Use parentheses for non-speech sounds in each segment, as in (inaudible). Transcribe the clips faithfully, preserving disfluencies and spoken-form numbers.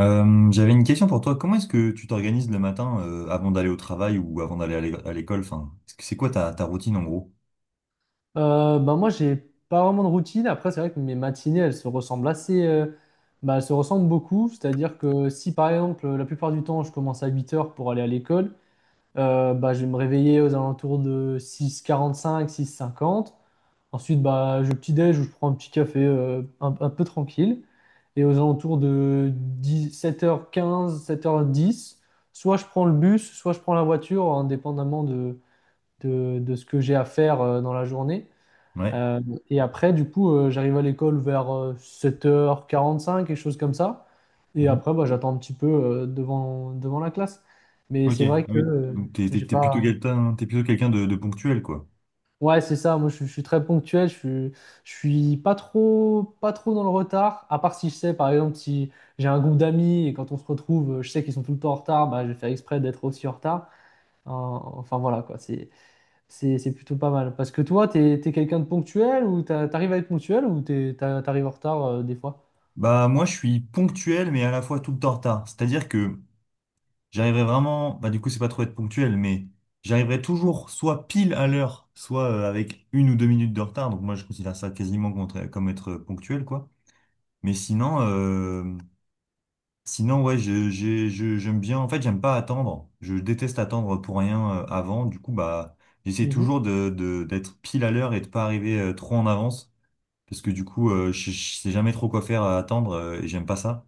Euh, j'avais une question pour toi. Comment est-ce que tu t'organises le matin euh, avant d'aller au travail ou avant d'aller à l'é- à l'école? Enfin, est-ce que- c'est quoi ta, ta routine en gros? Euh, bah moi, j'ai pas vraiment de routine. Après, c'est vrai que mes matinées, elles se ressemblent assez. Euh, bah, elles se ressemblent beaucoup. C'est-à-dire que si, par exemple, la plupart du temps, je commence à huit heures pour aller à l'école, euh, bah, je vais me réveiller aux alentours de six heures quarante-cinq six heures cinquante. Ensuite, bah, je petit-déj ou je prends un petit café euh, un, un peu tranquille. Et aux alentours de sept heures quinze sept heures dix, soit je prends le bus, soit je prends la voiture, indépendamment de, de, de ce que j'ai à faire euh, dans la journée. Ouais. Euh, et après, du coup, euh, j'arrive à l'école vers euh, sept heures quarante-cinq, quelque chose comme ça. Et Mhm. après, bah, j'attends un petit peu euh, devant, devant la classe. Mais Ok. c'est Ah vrai que oui. euh, Donc t'es, t'es- j'ai t'es plutôt pas. quelqu'un, t'es plutôt quelqu'un de, de ponctuel, quoi. Ouais, c'est ça. Moi, je, suis je suis très ponctuel. Je suis, je suis pas trop, pas trop dans le retard. À part si je sais, par exemple, si j'ai un groupe d'amis et quand on se retrouve, euh, je sais qu'ils sont tout le temps en retard, bah, je vais faire exprès d'être aussi en retard. Euh, enfin, voilà, quoi. C'est, C'est c'est plutôt pas mal. Parce que toi, t'es t'es quelqu'un de ponctuel ou t'as- t'arrives à être ponctuel ou t'es- t'as- t'arrives en retard euh, des fois? Bah moi je suis ponctuel mais à la fois tout le temps en retard. C'est-à-dire que j'arriverai vraiment, bah du coup c'est pas trop être ponctuel, mais j'arriverai toujours soit pile à l'heure, soit euh, avec une ou deux minutes de retard. Donc moi je considère ça quasiment contre- comme être euh, ponctuel, quoi. Mais sinon. euh, Sinon, ouais, je, j'ai- je- j'aime bien. En fait, j'aime pas attendre. Je déteste attendre pour rien euh, avant. Du coup, bah, j'essaie Mhm. toujours de, de- d'être pile à l'heure et de pas arriver euh, trop en avance. Parce que du coup, euh, je, je sais jamais trop quoi faire à attendre euh, et j'aime pas ça.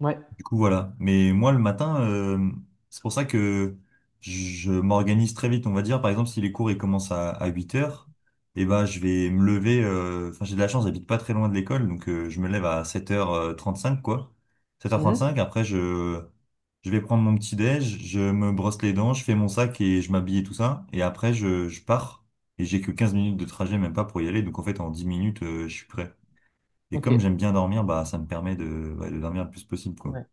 Ouais. Du coup, voilà. Mais moi, le matin, euh, c'est pour ça que je m'organise très vite. On va dire, par exemple, si les cours ils commencent à, à huit heures, eh ben, je vais me lever. euh, Enfin, j'ai de la chance, j'habite pas très loin de l'école, donc euh, je me lève à sept heures euh, trente-cinq quoi. Sept heures Mhm. trente-cinq. Après, je je vais prendre mon petit déj, je me brosse les dents, je fais mon sac et je m'habille et tout ça. Et après, je, je pars. Et j'ai que quinze minutes de trajet, même pas pour y aller. Donc, en fait, en dix minutes, euh, je suis prêt. Et Ok. comme j'aime bien dormir, bah, ça me permet de, ouais, de dormir le plus possible, quoi. Ouais.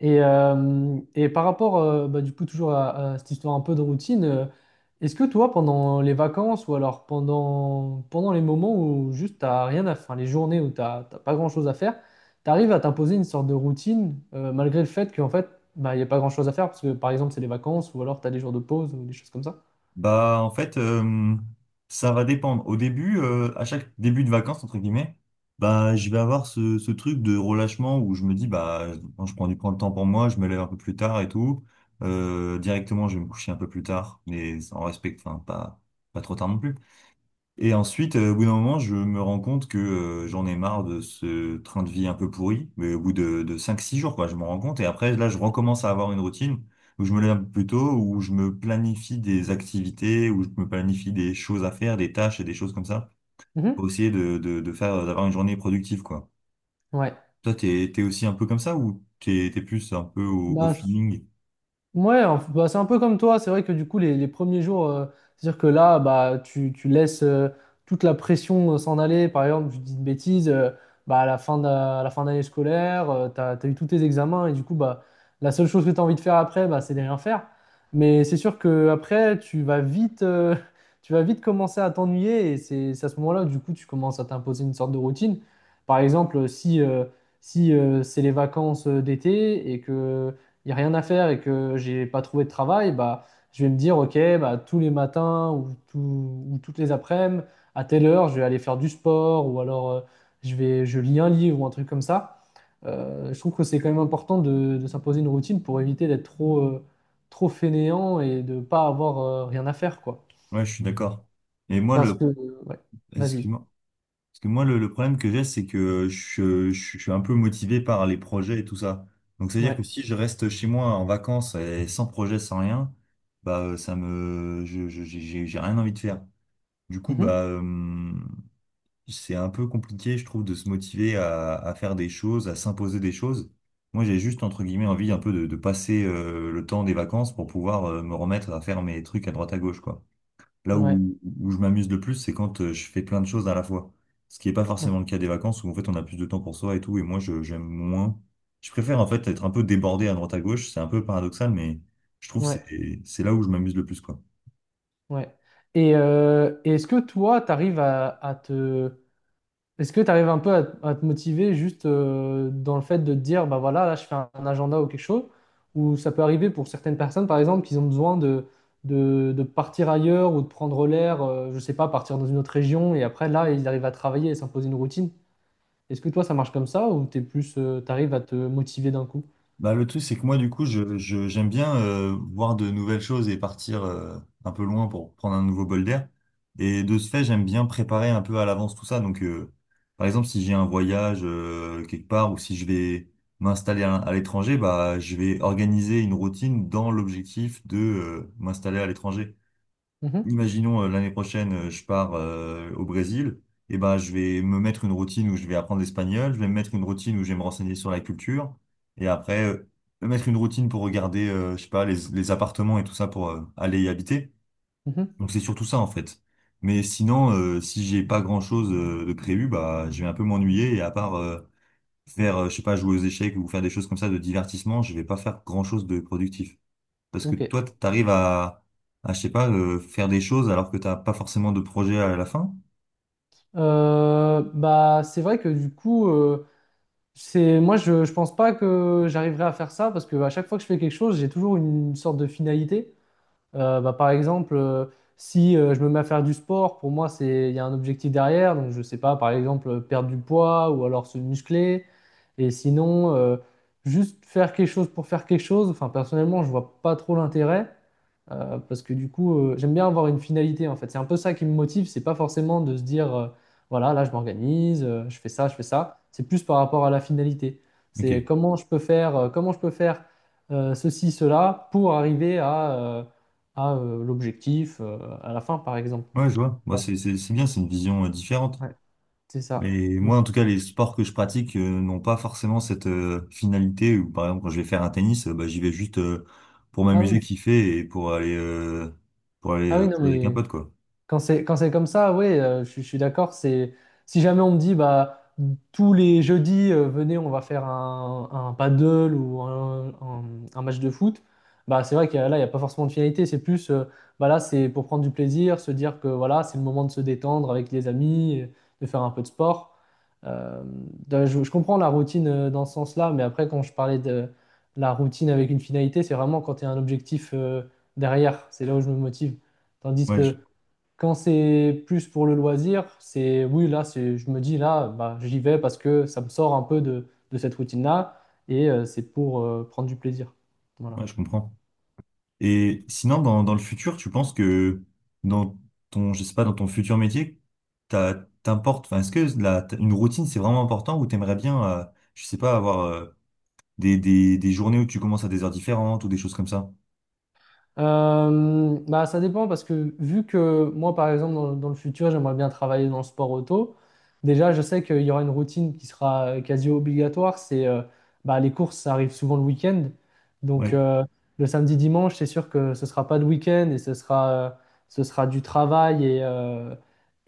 Et, euh, et par rapport, euh, bah, du coup, toujours à, à cette histoire un peu de routine, euh, est-ce que toi, pendant les vacances ou alors pendant, pendant les moments où juste t'as rien à faire, les journées où t'as t'as pas grand-chose à faire, t'arrives à t'imposer une sorte de routine euh, malgré le fait qu'en fait, bah, il n'y a pas grand-chose à faire parce que, par exemple, c'est les vacances ou alors t'as des jours de pause ou des choses comme ça? Bah, en fait, euh, ça va dépendre. Au début, euh, à chaque début de vacances, entre guillemets, bah, je vais avoir ce, ce truc de relâchement où je me dis, bah, quand je prends du prends le temps pour moi, je me lève un peu plus tard et tout. Euh, directement, je vais me coucher un peu plus tard, mais en respect, enfin, pas, pas trop tard non plus. Et ensuite, euh, au bout d'un moment, je me rends compte que euh, j'en ai marre de ce train de vie un peu pourri. Mais au bout de, de cinq six jours, quoi, je me rends compte. Et après, là, je recommence à avoir une routine où je me lève plus tôt, où je me planifie des activités, où je me planifie des choses à faire, des tâches et des choses comme ça, Mhm. pour essayer de, de, de faire, euh, d'avoir une journée productive, quoi. Ouais. Toi, t'es, t'es aussi un peu comme ça ou t'es, t'es plus un peu au, au Bah, s- feeling? ouais, enf- bah, c'est un peu comme toi. C'est vrai que du coup, les, les premiers jours, euh, c'est-à-dire que là, bah, tu, tu laisses euh, toute la pression euh, s'en aller. Par exemple, je dis une bêtise, euh, bah, à la fin de, à la fin d'année scolaire, tu as, eu tous tes examens et du coup, bah, la seule chose que tu as envie de faire après, bah, c'est de rien faire. Mais c'est sûr que après, tu vas vite, euh, (laughs) tu vas vite commencer à t'ennuyer et c'est c'est à ce moment-là que du coup, tu commences à t'imposer une sorte de routine. Par exemple, si, euh, si euh, c'est les vacances euh, d'été et que il n'y a rien à faire et que j'ai pas trouvé de travail, bah, je vais me dire, ok, bah, tous les matins ou, tout- ou toutes les après-midi, à telle heure, je vais aller faire du sport ou alors euh, je vais, je lis un livre ou un truc comme ça. Euh, je trouve que c'est quand même important de, de s'imposer une routine pour éviter d'être trop, euh, trop fainéant et de pas avoir euh, rien à faire, quoi. Ouais, je suis d'accord. Et moi, Parce le... que, ouais, vas-y. Excuse-moi. Parce que moi, le, le problème que j'ai, c'est que je, je- je suis un peu motivé par les projets et tout ça. Donc, c'est-à-dire Ouais. que si je reste chez moi en vacances et sans projet, sans rien, bah, euh, ça me, je, je- j'ai, j'ai j'ai rien envie de faire. Du coup, Mhm. bah, euh, c'est un peu compliqué, je trouve, de se motiver à, à faire des choses, à s'imposer des choses. Moi, j'ai juste, entre guillemets, envie un peu de, de passer, euh, le temps des vacances pour pouvoir, euh, me remettre à faire mes trucs à droite à gauche, quoi. Là Ouais. où, où je m'amuse le plus, c'est quand euh, je fais plein de choses à la fois. Ce qui n'est pas Ouais. forcément le cas des vacances où en fait on a plus de temps pour soi et tout. Et moi, je, j'aime moins. Je préfère en fait être un peu débordé à droite à gauche. C'est un peu paradoxal, mais je trouve que Ouais. c'est c'est là où je m'amuse le plus, quoi. Ouais. Et euh, est-ce que toi, tu arrives à à te est-ce que tu arrives un peu à, à te motiver juste euh, dans le fait de te dire, bah voilà, là je fais un, un agenda ou quelque chose, ou ça peut arriver pour certaines personnes, par exemple, qu'ils ont besoin de, de, de partir ailleurs ou de prendre l'air, euh, je sais pas, partir dans une autre région, et après là, ils arrivent à travailler et s'imposer une routine. Est-ce que toi, ça marche comme ça, ou t'es plus, tu arrives à te motiver d'un coup? Bah, le truc, c'est que moi, du coup, je, je- j'aime bien euh, voir de nouvelles choses et partir euh, un peu loin pour prendre un nouveau bol d'air. Et de ce fait, j'aime bien préparer un peu à l'avance tout ça. Donc, euh, par exemple, si j'ai un voyage euh, quelque part ou si je vais m'installer à, à l'étranger, bah, je vais organiser une routine dans l'objectif de euh, m'installer à l'étranger Mhm, imaginons euh, l'année prochaine, euh, je pars euh, au Brésil, et ben je vais me mettre une routine où je vais apprendre l'espagnol, je vais me mettre une routine où je vais me renseigner sur la culture, et après euh, me mettre une routine pour regarder, euh, je sais pas, les, les appartements et tout ça pour euh, aller y habiter. mhm, Donc c'est surtout ça en fait. Mais sinon, euh, si j'ai pas grand-chose euh, de prévu, bah je vais un peu m'ennuyer et à part euh, faire, euh, je sais pas, jouer aux échecs ou faire des choses comme ça de divertissement, je vais pas faire grand-chose de productif. Parce que ok. toi, t'arrives à, à, je sais pas, euh, faire des choses alors que t'as pas forcément de projet à la fin. Euh, bah, c'est vrai que du coup, euh, c'est moi, je, je pense pas que j'arriverai à faire ça parce que à chaque fois que je fais quelque chose, j'ai toujours une sorte de finalité. Euh, bah, par exemple, euh, si euh, je me mets à faire du sport, pour moi, c'est, il y a un objectif derrière. Donc, je sais pas, par exemple, euh, perdre du poids ou alors se muscler. Et sinon, euh, juste faire quelque chose pour faire quelque chose. Enfin, personnellement, je vois pas trop l'intérêt euh, parce que du coup, euh, j'aime bien avoir une finalité en fait. C'est un peu ça qui me motive. C'est pas forcément de se dire, euh, voilà, là, je m'organise, euh, je fais ça, je fais ça. C'est plus par rapport à la finalité. Ok. C'est comment je peux faire, euh, comment je peux faire euh, ceci, cela pour arriver à euh, à euh, l'objectif euh, à la fin, par exemple. Ouais, je vois. Moi, c'est c'est- c'est bien, c'est une vision euh, différente. Ouais, c'est ça. Mais Donc- moi, en tout cas, les sports que je pratique euh, n'ont pas forcément cette euh, finalité. Où, par exemple, quand je vais faire un tennis, euh, bah, j'y vais juste euh, pour Ah oui, m'amuser, kiffer et pour aller, euh, pour aller ah oui, euh, non, jouer avec un mais pote, quoi. quand c'est quand c'est comme ça, oui, je, suis je suis d'accord. C'est si jamais on me dit bah tous les jeudis euh, venez, on va faire un, un paddle ou un, un- un match de foot, bah c'est vrai que là il n'y a pas forcément de finalité. C'est plus euh, bah là c'est pour prendre du plaisir, se dire que voilà c'est le moment de se détendre avec les amis, euh, de faire un peu de sport. Euh, de- je, je comprends la routine euh, dans ce sens-là, mais après quand je parlais de la routine avec une finalité, c'est vraiment quand il y a un objectif euh, derrière. C'est là où je me motive, tandis Ouais, je, que quand c'est plus pour le loisir, c'est oui, là, c'est, je me dis là, bah, j'y vais parce que ça me sort un peu de, de cette routine-là et euh, c'est pour euh, prendre du plaisir. Voilà. ouais, je comprends. Et sinon, dans, dans le futur, tu penses que dans ton, je sais pas, dans ton futur métier, t'as, t'importe, enfin, est-ce que la, t- une routine, c'est vraiment important ou t'aimerais bien, euh, je sais pas, avoir euh, des, des, des journées où tu commences à des heures différentes ou des choses comme ça? Euh, bah, ça dépend parce que vu que moi, par exemple, dans, dans le futur, j'aimerais bien travailler dans le sport auto, déjà, je sais qu'il y aura une routine qui sera quasi obligatoire, c'est euh, bah, les courses, ça arrive souvent le week-end. Donc Ouais. euh, le samedi, dimanche, c'est sûr que ce sera pas de week-end et ce sera, euh, ce sera du travail et, euh,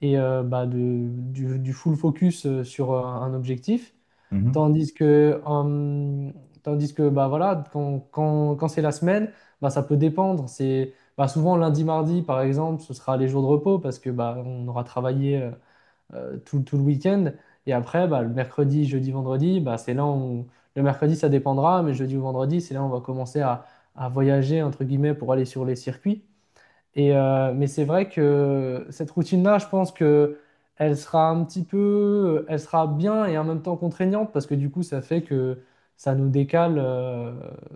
et euh, bah, de- du, du full focus euh, sur euh, un objectif. Mhm. Tandis que, hum, tandis que bah voilà, quand, quand- quand c'est la semaine, bah ça peut dépendre. C'est bah souvent lundi, mardi, par exemple, ce sera les jours de repos parce que bah on aura travaillé euh, euh, tout, tout le week-end. Et après, bah, le mercredi, jeudi, vendredi, bah c'est là où le mercredi ça dépendra, mais jeudi ou vendredi, c'est là où on va commencer à, à voyager entre guillemets pour aller sur les circuits. Et, euh, mais c'est vrai que cette routine-là, je pense que elle sera un petit peu, euh, elle sera bien et en même temps contraignante parce que du coup, ça fait que ça nous décale euh,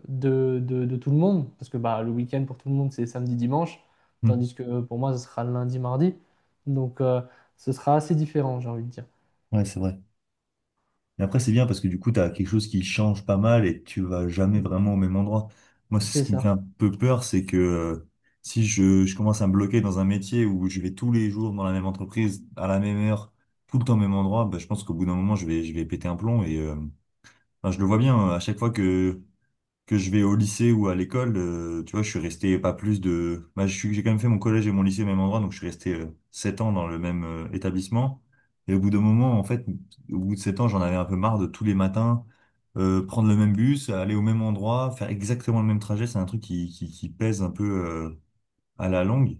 de, de- de tout le monde parce que bah, le week-end pour tout le monde, c'est samedi, dimanche, Mhm. tandis que pour moi, ce sera lundi, mardi. Donc, euh, ce sera assez différent, j'ai envie de dire. Ouais, c'est vrai. Mais après, c'est bien parce que du coup, tu as quelque chose qui change pas mal et tu vas jamais vraiment au même endroit. Moi, c'est ce C'est qui me fait ça. un peu peur, c'est que euh, si je, je commence à me bloquer dans un métier où je vais tous les jours dans la même entreprise, à la même heure, tout le temps au même endroit, bah, je pense qu'au bout d'un moment, je vais, je vais péter un plomb. Et euh, enfin, je le vois bien, euh, à chaque fois que que je vais au lycée ou à l'école, euh, tu vois, je suis resté pas plus de... Bah, je suis- j'ai quand même fait mon collège et mon lycée au même endroit, donc je suis resté euh, sept ans dans le même euh, établissement. Et au bout d'un moment, en fait, au bout de sept ans, j'en avais un peu marre de tous les matins euh, prendre le même bus, aller au même endroit, faire exactement le même trajet. C'est un truc qui, qui, qui pèse un peu euh, à la longue.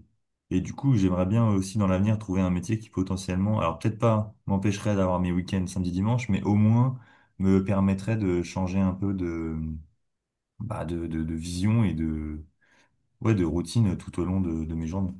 Et du coup, j'aimerais bien aussi dans l'avenir trouver un métier qui potentiellement, alors peut-être pas m'empêcherait d'avoir mes week-ends samedi dimanche, mais au moins me permettrait de changer un peu de bah, de, de, de vision et de, ouais, de routine tout au long de, de mes journées.